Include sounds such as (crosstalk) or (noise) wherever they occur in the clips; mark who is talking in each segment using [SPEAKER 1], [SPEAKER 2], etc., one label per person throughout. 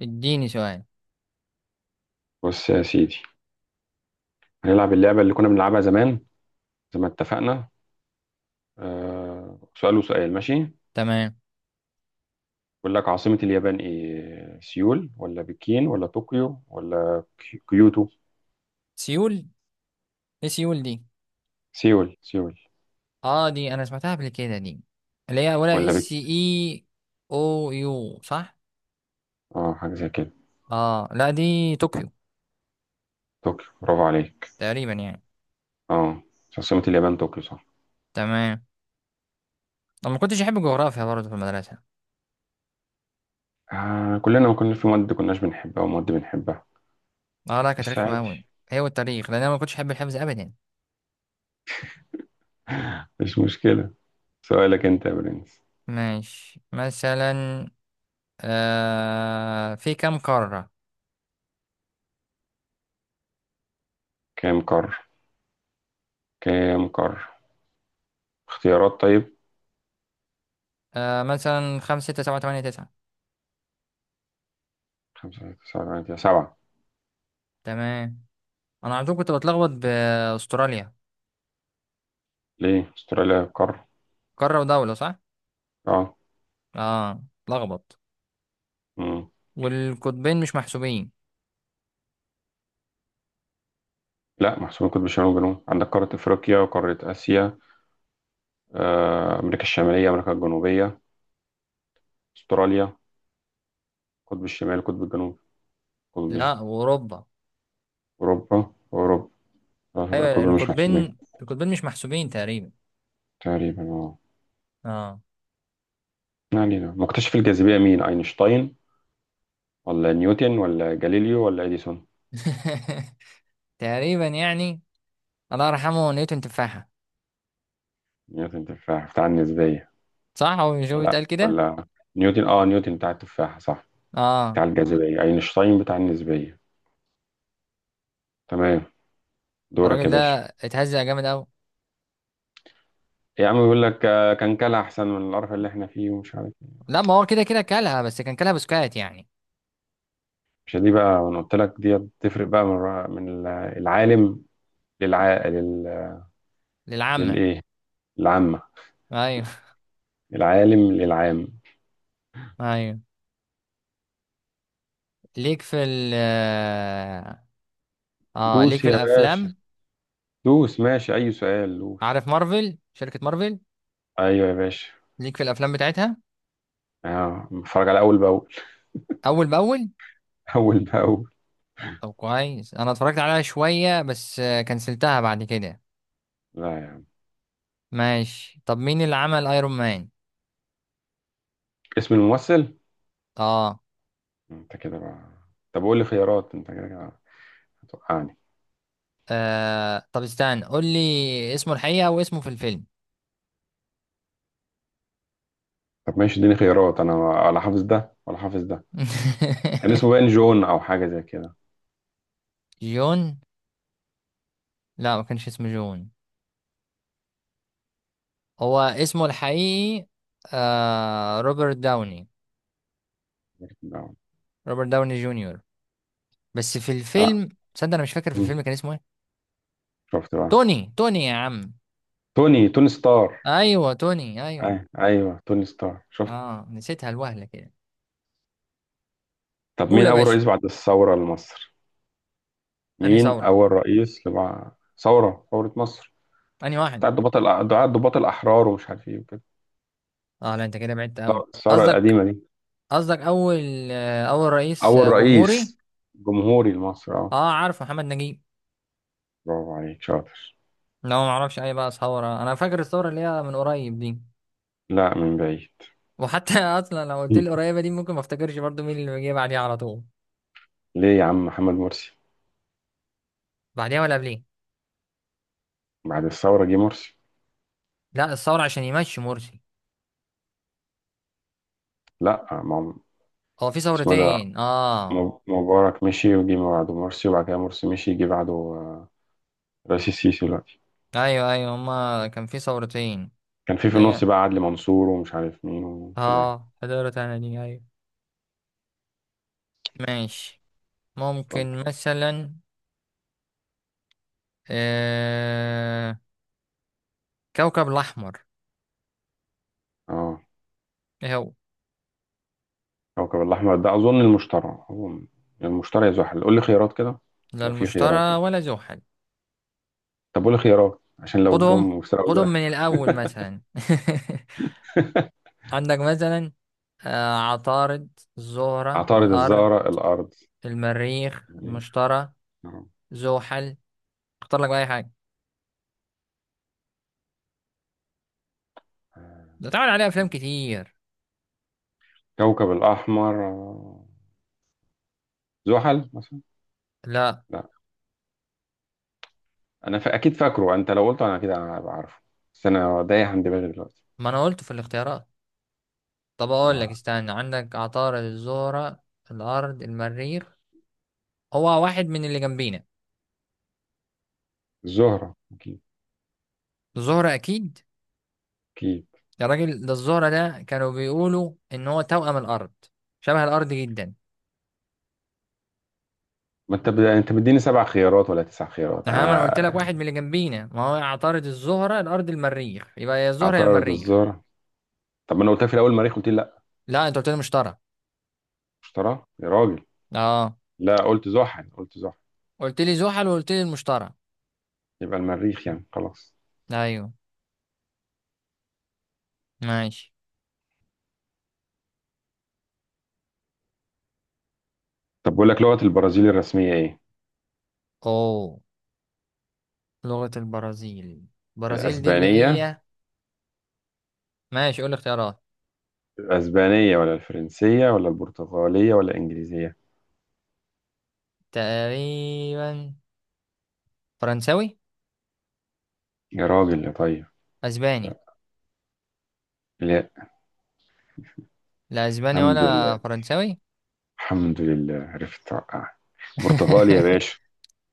[SPEAKER 1] اديني سؤال.
[SPEAKER 2] بص يا سيدي، هنلعب اللعبة اللي كنا بنلعبها زمان زي ما اتفقنا. آه سؤال وسؤال ماشي.
[SPEAKER 1] تمام.
[SPEAKER 2] بقول لك عاصمة اليابان ايه؟ سيول ولا بكين ولا طوكيو ولا كيوتو؟
[SPEAKER 1] سيول. ايه سيول دي؟
[SPEAKER 2] سيول سيول
[SPEAKER 1] اه، دي انا سمعتها قبل كده دي، اللي هي ولا
[SPEAKER 2] ولا
[SPEAKER 1] اس
[SPEAKER 2] بك.
[SPEAKER 1] اي او يو. صح.
[SPEAKER 2] اه حاجة زي كده.
[SPEAKER 1] اه لا، دي طوكيو.
[SPEAKER 2] طوكيو، برافو عليك.
[SPEAKER 1] تقريبا يعني.
[SPEAKER 2] اه عاصمة اليابان طوكيو صح.
[SPEAKER 1] تمام. انا ما كنتش احب الجغرافيا برضه في المدرسه.
[SPEAKER 2] آه كلنا ما كنا في مواد كناش بنحبها ومواد بنحبها.
[SPEAKER 1] اه لا، كانت
[SPEAKER 2] بس
[SPEAKER 1] رخمه
[SPEAKER 2] عادي.
[SPEAKER 1] قوي، هي والتاريخ، لان انا ما كنتش احب الحفظ ابدا.
[SPEAKER 2] (laughs) مش مشكلة. سؤالك انت يا برنس.
[SPEAKER 1] ماشي، مثلا في كام قاره.
[SPEAKER 2] كام قارة؟ كام قارة؟ اختيارات طيب.
[SPEAKER 1] مثلا خمسة ستة سبعة تمانية تسعة.
[SPEAKER 2] خمسة تسعة تمانية، سبعة.
[SPEAKER 1] تمام، انا على طول كنت بتلخبط باستراليا.
[SPEAKER 2] ليه استراليا قارة؟
[SPEAKER 1] قاره ودوله، صح؟
[SPEAKER 2] اه.
[SPEAKER 1] اه. لخبط.
[SPEAKER 2] مم.
[SPEAKER 1] والقطبين مش محسوبين.
[SPEAKER 2] لا محسوبين، قطب شمال وجنوب. عندك قارة افريقيا وقارة اسيا، امريكا الشمالية امريكا الجنوبية، استراليا، قطب الشمال قطب الجنوب. قطبين.
[SPEAKER 1] لا، واوروبا.
[SPEAKER 2] اوروبا. اوروبا. اه يبقى القطب
[SPEAKER 1] ايوه،
[SPEAKER 2] مش محسوبين.
[SPEAKER 1] القطبين مش محسوبين تقريبا.
[SPEAKER 2] تقريبا اه.
[SPEAKER 1] اه.
[SPEAKER 2] ما علينا، مكتشف الجاذبية مين؟ اينشتاين ولا نيوتن ولا جاليليو ولا اديسون؟
[SPEAKER 1] (laughs) تقريبا يعني. الله يرحمه نيوتن، تفاحة.
[SPEAKER 2] نيوتن بتاع النسبية.
[SPEAKER 1] صح، هو مش هو
[SPEAKER 2] لا.
[SPEAKER 1] بيتقال كده؟
[SPEAKER 2] ولا. نيوتن اه نيوتن بتاع التفاحة صح.
[SPEAKER 1] اه.
[SPEAKER 2] بتاع الجاذبية اينشتاين بتاع النسبية. تمام. دورك يا
[SPEAKER 1] الراجل ده
[SPEAKER 2] باشا.
[SPEAKER 1] اتهزق جامد قوي.
[SPEAKER 2] يا عم بيقول لك كان كلا احسن من القرف اللي احنا فيه ومش عارف إيه.
[SPEAKER 1] لا، ما هو كده كده كلها، بس كان كلها بسكات يعني.
[SPEAKER 2] مش دي بقى، انا قلت لك دي بتفرق بقى العالم للع لل...
[SPEAKER 1] للعامة.
[SPEAKER 2] للايه. العامة.
[SPEAKER 1] ايوه.
[SPEAKER 2] العالم للعام.
[SPEAKER 1] (laughs) ايوه. ليك في ال اه آه، ليك
[SPEAKER 2] دوس
[SPEAKER 1] في
[SPEAKER 2] يا باشا.
[SPEAKER 1] الافلام.
[SPEAKER 2] دوس ماشي اي سؤال دوس.
[SPEAKER 1] عارف مارفل، شركة مارفل؟
[SPEAKER 2] ايوه يا باشا.
[SPEAKER 1] ليك في الافلام بتاعتها؟
[SPEAKER 2] اه بتفرج على اول باول.
[SPEAKER 1] اول باول.
[SPEAKER 2] (laughs) اول باول.
[SPEAKER 1] طب كويس، انا اتفرجت عليها شوية بس كنسلتها بعد كده.
[SPEAKER 2] لا يا عم.
[SPEAKER 1] ماشي. طب مين اللي عمل ايرون مان؟
[SPEAKER 2] اسم الممثل.
[SPEAKER 1] اه.
[SPEAKER 2] انت كده بقى. طب قول لي خيارات، انت كده كده هتوقعني.
[SPEAKER 1] طب استنى، قول لي اسمه الحقيقة واسمه في الفيلم.
[SPEAKER 2] طب ماشي اديني خيارات، انا ولا حافظ ده ولا حافظ ده. كان اسمه
[SPEAKER 1] (laughs)
[SPEAKER 2] باين جون او حاجة زي كده.
[SPEAKER 1] جون؟ لا، ما كانش اسمه جون. هو اسمه الحقيقي آه روبرت داوني، روبرت داوني جونيور. بس في
[SPEAKER 2] انا.
[SPEAKER 1] الفيلم، تصدق انا مش فاكر في
[SPEAKER 2] مم.
[SPEAKER 1] الفيلم كان اسمه ايه.
[SPEAKER 2] شفت بقى.
[SPEAKER 1] توني يا عم.
[SPEAKER 2] توني توني ستار.
[SPEAKER 1] ايوه توني، ايوه.
[SPEAKER 2] أي. ايوه توني ستار شفت.
[SPEAKER 1] اه نسيتها الوهلة كده.
[SPEAKER 2] طب
[SPEAKER 1] قول
[SPEAKER 2] مين
[SPEAKER 1] يا
[SPEAKER 2] اول
[SPEAKER 1] باشا.
[SPEAKER 2] رئيس بعد الثوره لمصر؟
[SPEAKER 1] انهي
[SPEAKER 2] مين
[SPEAKER 1] ثورة؟
[SPEAKER 2] اول رئيس ثوره ثوره مصر.
[SPEAKER 1] انهي واحدة؟
[SPEAKER 2] بتاع الضباط الاحرار ومش عارف ايه وكده.
[SPEAKER 1] اه لا، انت كده بعدت قوي.
[SPEAKER 2] الثوره
[SPEAKER 1] قصدك،
[SPEAKER 2] القديمه دي.
[SPEAKER 1] قصدك اول اول رئيس
[SPEAKER 2] اول
[SPEAKER 1] جمهوري؟
[SPEAKER 2] رئيس جمهوري لمصر اه.
[SPEAKER 1] اه، عارف، محمد نجيب.
[SPEAKER 2] برافو عليك شاطر.
[SPEAKER 1] لو ما اعرفش اي بقى ثوره، انا فاكر الثوره اللي هي من قريب دي.
[SPEAKER 2] لا من بعيد.
[SPEAKER 1] وحتى (laughs) اصلا لو قلت لي
[SPEAKER 2] (laughs)
[SPEAKER 1] قريبه دي ممكن ما افتكرش برضو مين اللي جه بعديها على طول.
[SPEAKER 2] ليه يا عم محمد مرسي.
[SPEAKER 1] بعديها ولا قبليه؟
[SPEAKER 2] بعد الثوره جه مرسي.
[SPEAKER 1] لا، الثوره عشان يمشي مرسي.
[SPEAKER 2] لا ما هو-.
[SPEAKER 1] هو في
[SPEAKER 2] اسمه ده
[SPEAKER 1] ثورتين، اه.
[SPEAKER 2] مبارك مشي وجي بعده مرسي وبعد كده مرسي مشي جه بعده، رئيس السيسي دلوقتي.
[SPEAKER 1] ايوه ايوه، هما كان في ثورتين،
[SPEAKER 2] كان في
[SPEAKER 1] اللي
[SPEAKER 2] النص
[SPEAKER 1] هي،
[SPEAKER 2] بقى عدلي منصور ومش عارف مين وكده يعني.
[SPEAKER 1] اه حضرت انا دي، ايوه. ماشي.
[SPEAKER 2] اتفضل.
[SPEAKER 1] ممكن مثلا آه... كوكب الاحمر،
[SPEAKER 2] اه
[SPEAKER 1] ايه هو؟
[SPEAKER 2] كوكب الأحمر ده أظن المشتري أظن. المشتري يا زحل، قول لي خيارات كده.
[SPEAKER 1] لا
[SPEAKER 2] لو في خيارات
[SPEAKER 1] المشترى
[SPEAKER 2] يعني.
[SPEAKER 1] ولا زحل.
[SPEAKER 2] طب قول لي خيارات عشان لو الجو
[SPEAKER 1] خدهم،
[SPEAKER 2] مفترق
[SPEAKER 1] خدهم
[SPEAKER 2] زي.
[SPEAKER 1] من الأول مثلا. (laughs)
[SPEAKER 2] (laughs)
[SPEAKER 1] عندك مثلا عطارد، الزهرة،
[SPEAKER 2] عطارد
[SPEAKER 1] الأرض،
[SPEAKER 2] الزهرة الأرض
[SPEAKER 1] المريخ،
[SPEAKER 2] المريخ.
[SPEAKER 1] المشتري،
[SPEAKER 2] نعم.
[SPEAKER 1] زحل. اختار لك بقى أي حاجة.
[SPEAKER 2] آه.
[SPEAKER 1] ده تعال عليه أفلام كتير.
[SPEAKER 2] كوكب الأحمر آه، زحل مثلا.
[SPEAKER 1] لا،
[SPEAKER 2] لا، أنا أكيد فاكره. أنت لو قلته أنا أكيد هبقى عارفه. بس أنا دايح عن دماغي دلوقتي.
[SPEAKER 1] ما أنا قلت في الاختيارات. طب أقول لك،
[SPEAKER 2] آه،
[SPEAKER 1] استنى، عندك عطارد، الزهرة، الأرض، المريخ. هو واحد من اللي جنبينا.
[SPEAKER 2] الزهرة أكيد.
[SPEAKER 1] الزهرة أكيد.
[SPEAKER 2] أكيد.
[SPEAKER 1] يا راجل، ده الزهرة ده كانوا بيقولوا إن هو توأم الأرض، شبه الأرض جدا.
[SPEAKER 2] ما انت انت مديني سبع خيارات ولا تسع خيارات
[SPEAKER 1] ها، ما انا قلت لك
[SPEAKER 2] انا.
[SPEAKER 1] واحد من اللي جنبينا، ما هو عطارد، الزهره، الارض، المريخ، يبقى يا الزهره يا
[SPEAKER 2] اعترض
[SPEAKER 1] المريخ.
[SPEAKER 2] الزهرة. طب ما انا قلتها في الاول المريخ قلت لي لا.
[SPEAKER 1] لا، انت قلت لي المشتري.
[SPEAKER 2] اشتراه يا راجل.
[SPEAKER 1] اه،
[SPEAKER 2] لا قلت زحل قلت زحل.
[SPEAKER 1] قلت لي زحل وقلت لي المشتري.
[SPEAKER 2] يبقى المريخ يعني خلاص.
[SPEAKER 1] ايوه. ماشي.
[SPEAKER 2] طب بقول لك لغة البرازيل الرسمية ايه؟
[SPEAKER 1] اوه، لغه البرازيل. البرازيل دي اللي
[SPEAKER 2] الاسبانية.
[SPEAKER 1] هي، ماشي قول لي اختيارات.
[SPEAKER 2] الاسبانية ولا الفرنسية ولا البرتغالية ولا الانجليزية؟
[SPEAKER 1] تقريبا فرنساوي.
[SPEAKER 2] يا راجل يا طيب.
[SPEAKER 1] اسباني.
[SPEAKER 2] لا. لا.
[SPEAKER 1] لا اسباني
[SPEAKER 2] الحمد
[SPEAKER 1] ولا
[SPEAKER 2] لله.
[SPEAKER 1] فرنساوي.
[SPEAKER 2] الحمد لله عرفت. برتغالي يا
[SPEAKER 1] (laughs)
[SPEAKER 2] باشا.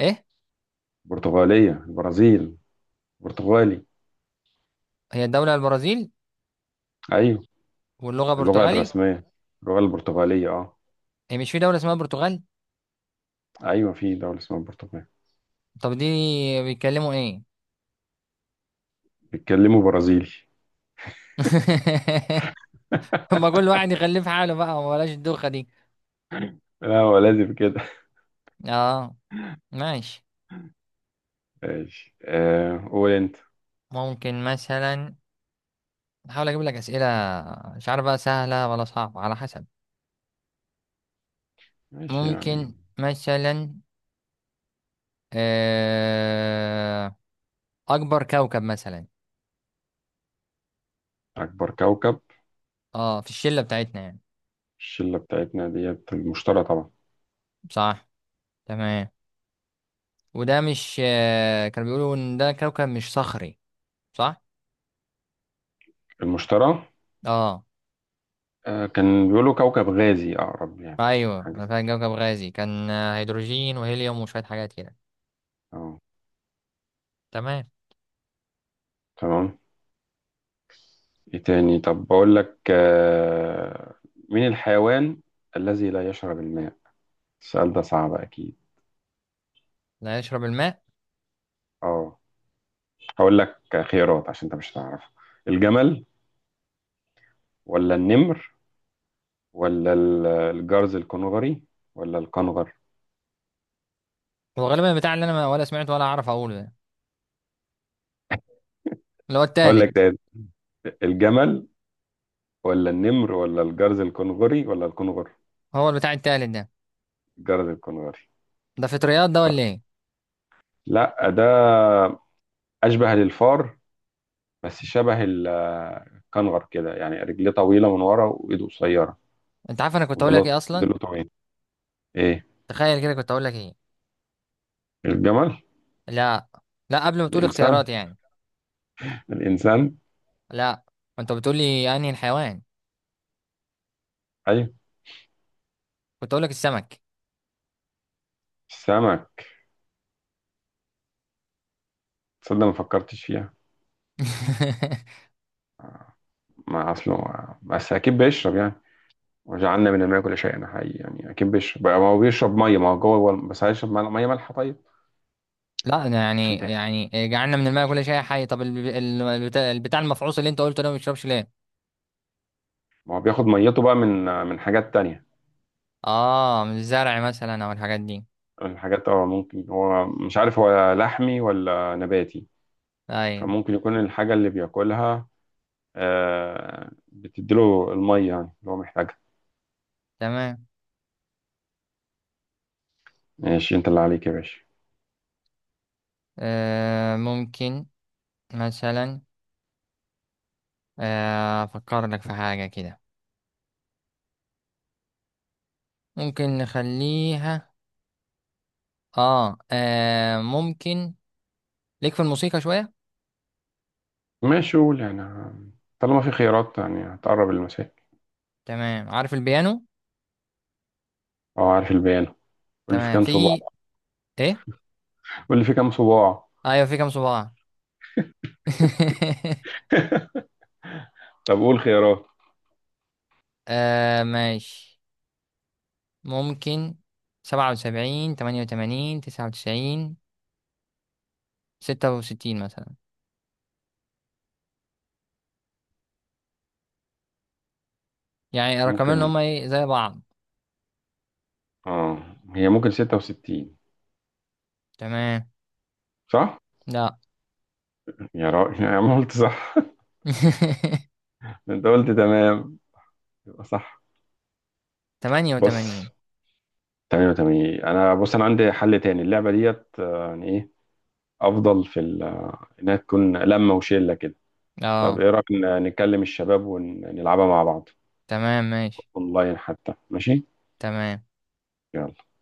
[SPEAKER 1] ايه؟
[SPEAKER 2] برتغالية البرازيل. برتغالي.
[SPEAKER 1] هي الدوله البرازيل،
[SPEAKER 2] ايوه.
[SPEAKER 1] واللغه
[SPEAKER 2] اللغة
[SPEAKER 1] برتغالي؟
[SPEAKER 2] الرسمية اللغة البرتغالية اه.
[SPEAKER 1] هي مش في دوله اسمها برتغال؟
[SPEAKER 2] ايوه في دولة اسمها البرتغال.
[SPEAKER 1] طب دي بيتكلموا ايه؟
[SPEAKER 2] بيتكلموا برازيلي.
[SPEAKER 1] (laughs) (laughs) ما كل واحد يخليه في حاله بقى، وبلاش الدوخة دي.
[SPEAKER 2] لا هو لازم كده.
[SPEAKER 1] اه. ماشي.
[SPEAKER 2] (laughs) ماشي آه قول انت.
[SPEAKER 1] ممكن مثلا احاول اجيب لك اسئلة، مش عارف بقى سهلة ولا صعبة على حسب.
[SPEAKER 2] ماشي يعني.
[SPEAKER 1] ممكن مثلا، آه، اكبر كوكب مثلا.
[SPEAKER 2] اكبر كوكب.
[SPEAKER 1] اه، في الشلة بتاعتنا يعني.
[SPEAKER 2] الشلة بتاعتنا ديت المشتري طبعا.
[SPEAKER 1] صح. تمام. وده مش كانوا بيقولوا ان ده كوكب مش صخري؟ صح.
[SPEAKER 2] المشتري.
[SPEAKER 1] اه.
[SPEAKER 2] آه كان بيقولوا كوكب غازي اقرب يعني مش
[SPEAKER 1] ايوه،
[SPEAKER 2] حاجة
[SPEAKER 1] انا
[SPEAKER 2] زي
[SPEAKER 1] فاهم،
[SPEAKER 2] كده.
[SPEAKER 1] كوكب غازي، كان هيدروجين وهيليوم وشوية حاجات كده.
[SPEAKER 2] اه.
[SPEAKER 1] تمام.
[SPEAKER 2] تمام. ايه تاني؟ طب بقول لك آه مين الحيوان الذي لا يشرب الماء؟ السؤال ده صعب اكيد.
[SPEAKER 1] لا يشرب الماء.
[SPEAKER 2] اه هقول لك خيارات عشان انت مش هتعرف. الجمل ولا النمر ولا الجرز الكنغري ولا الكنغر.
[SPEAKER 1] هو غالبا البتاع اللي انا ولا سمعته ولا اعرف اقوله ده، اللي هو
[SPEAKER 2] اقول لك
[SPEAKER 1] التالت.
[SPEAKER 2] تاني. الجمل ولا النمر ولا الجرز الكنغري ولا الكنغر.
[SPEAKER 1] هو البتاع التالت ده.
[SPEAKER 2] الجرز الكنغري.
[SPEAKER 1] ده فطريات ده ولا ايه؟
[SPEAKER 2] لا ده اشبه للفار، بس شبه الكنغر كده يعني رجليه طويله من ورا وايده قصيره.
[SPEAKER 1] انت عارف انا كنت اقول لك
[SPEAKER 2] وضلوع.
[SPEAKER 1] ايه اصلا؟
[SPEAKER 2] ضلوع طويل. ايه.
[SPEAKER 1] تخيل كده، كنت اقول لك ايه؟
[SPEAKER 2] الجمل.
[SPEAKER 1] لا. لا قبل ما تقول
[SPEAKER 2] الانسان.
[SPEAKER 1] اختيارات يعني.
[SPEAKER 2] الانسان.
[SPEAKER 1] لا، انت بتقول لي انهي الحيوان.
[SPEAKER 2] ايوه.
[SPEAKER 1] كنت اقول لك السمك.
[SPEAKER 2] السمك. تصدق ما فكرتش فيها.
[SPEAKER 1] (laughs)
[SPEAKER 2] ما اصله ما بس اكيد بيشرب يعني. وجعلنا من الماء كل شيء، انا حقيقي يعني اكيد بيشرب بقى، ما هو بيشرب ميه، ما هو جوه بس هيشرب ميه مية مالحه طيب.
[SPEAKER 1] لا أنا يعني
[SPEAKER 2] عشان تقل.
[SPEAKER 1] جعلنا من الماء كل شيء حي. طب البتاع المفعوص اللي انت قلته ده ما بيشربش ليه؟
[SPEAKER 2] ما هو بياخد ميته بقى من حاجات تانية.
[SPEAKER 1] اه، من الزرع مثلا او الحاجات دي.
[SPEAKER 2] من حاجات اه ممكن هو مش عارف هو لحمي ولا نباتي.
[SPEAKER 1] ايوه.
[SPEAKER 2] فممكن يكون الحاجه اللي بياكلها بتديله الميه يعني اللي هو محتاجها.
[SPEAKER 1] تمام.
[SPEAKER 2] ماشي انت اللي عليك يا باشا.
[SPEAKER 1] آه ممكن، مثلا، افكر لك في حاجة كده. ممكن نخليها، ممكن، ليك في الموسيقى شوية.
[SPEAKER 2] ماشي قول يعني طالما في خيارات يعني هتقرب المسائل.
[SPEAKER 1] تمام، عارف البيانو.
[SPEAKER 2] اه عارف البيانة. قول لي في
[SPEAKER 1] تمام.
[SPEAKER 2] كام صباع.
[SPEAKER 1] في ايه؟
[SPEAKER 2] قول لي في كام صباع.
[SPEAKER 1] ايوه، في كام صباع. (laughs)
[SPEAKER 2] طب قول خيارات.
[SPEAKER 1] آه ماشي. ممكن، 77، 88، 99، 66 مثلا. يعني رقمين اللي
[SPEAKER 2] ممكن.
[SPEAKER 1] هما ايه زي بعض.
[SPEAKER 2] اه هي ممكن 66.
[SPEAKER 1] تمام.
[SPEAKER 2] صح؟
[SPEAKER 1] لا.
[SPEAKER 2] يا راجل يا عم قلت صح.
[SPEAKER 1] (laughs)
[SPEAKER 2] (laughs) انت قلت تمام يبقى صح.
[SPEAKER 1] 88.
[SPEAKER 2] بص. تمام تمام. انا بص انا عندي حل تاني، اللعبة ديت يعني ايه افضل في انها تكون لمة وشلة كده. طب
[SPEAKER 1] اه.
[SPEAKER 2] ايه رأيك نكلم الشباب ونلعبها مع بعض.
[SPEAKER 1] تمام. ماشي.
[SPEAKER 2] اونلاين حتى ماشي؟
[SPEAKER 1] تمام.
[SPEAKER 2] يلا.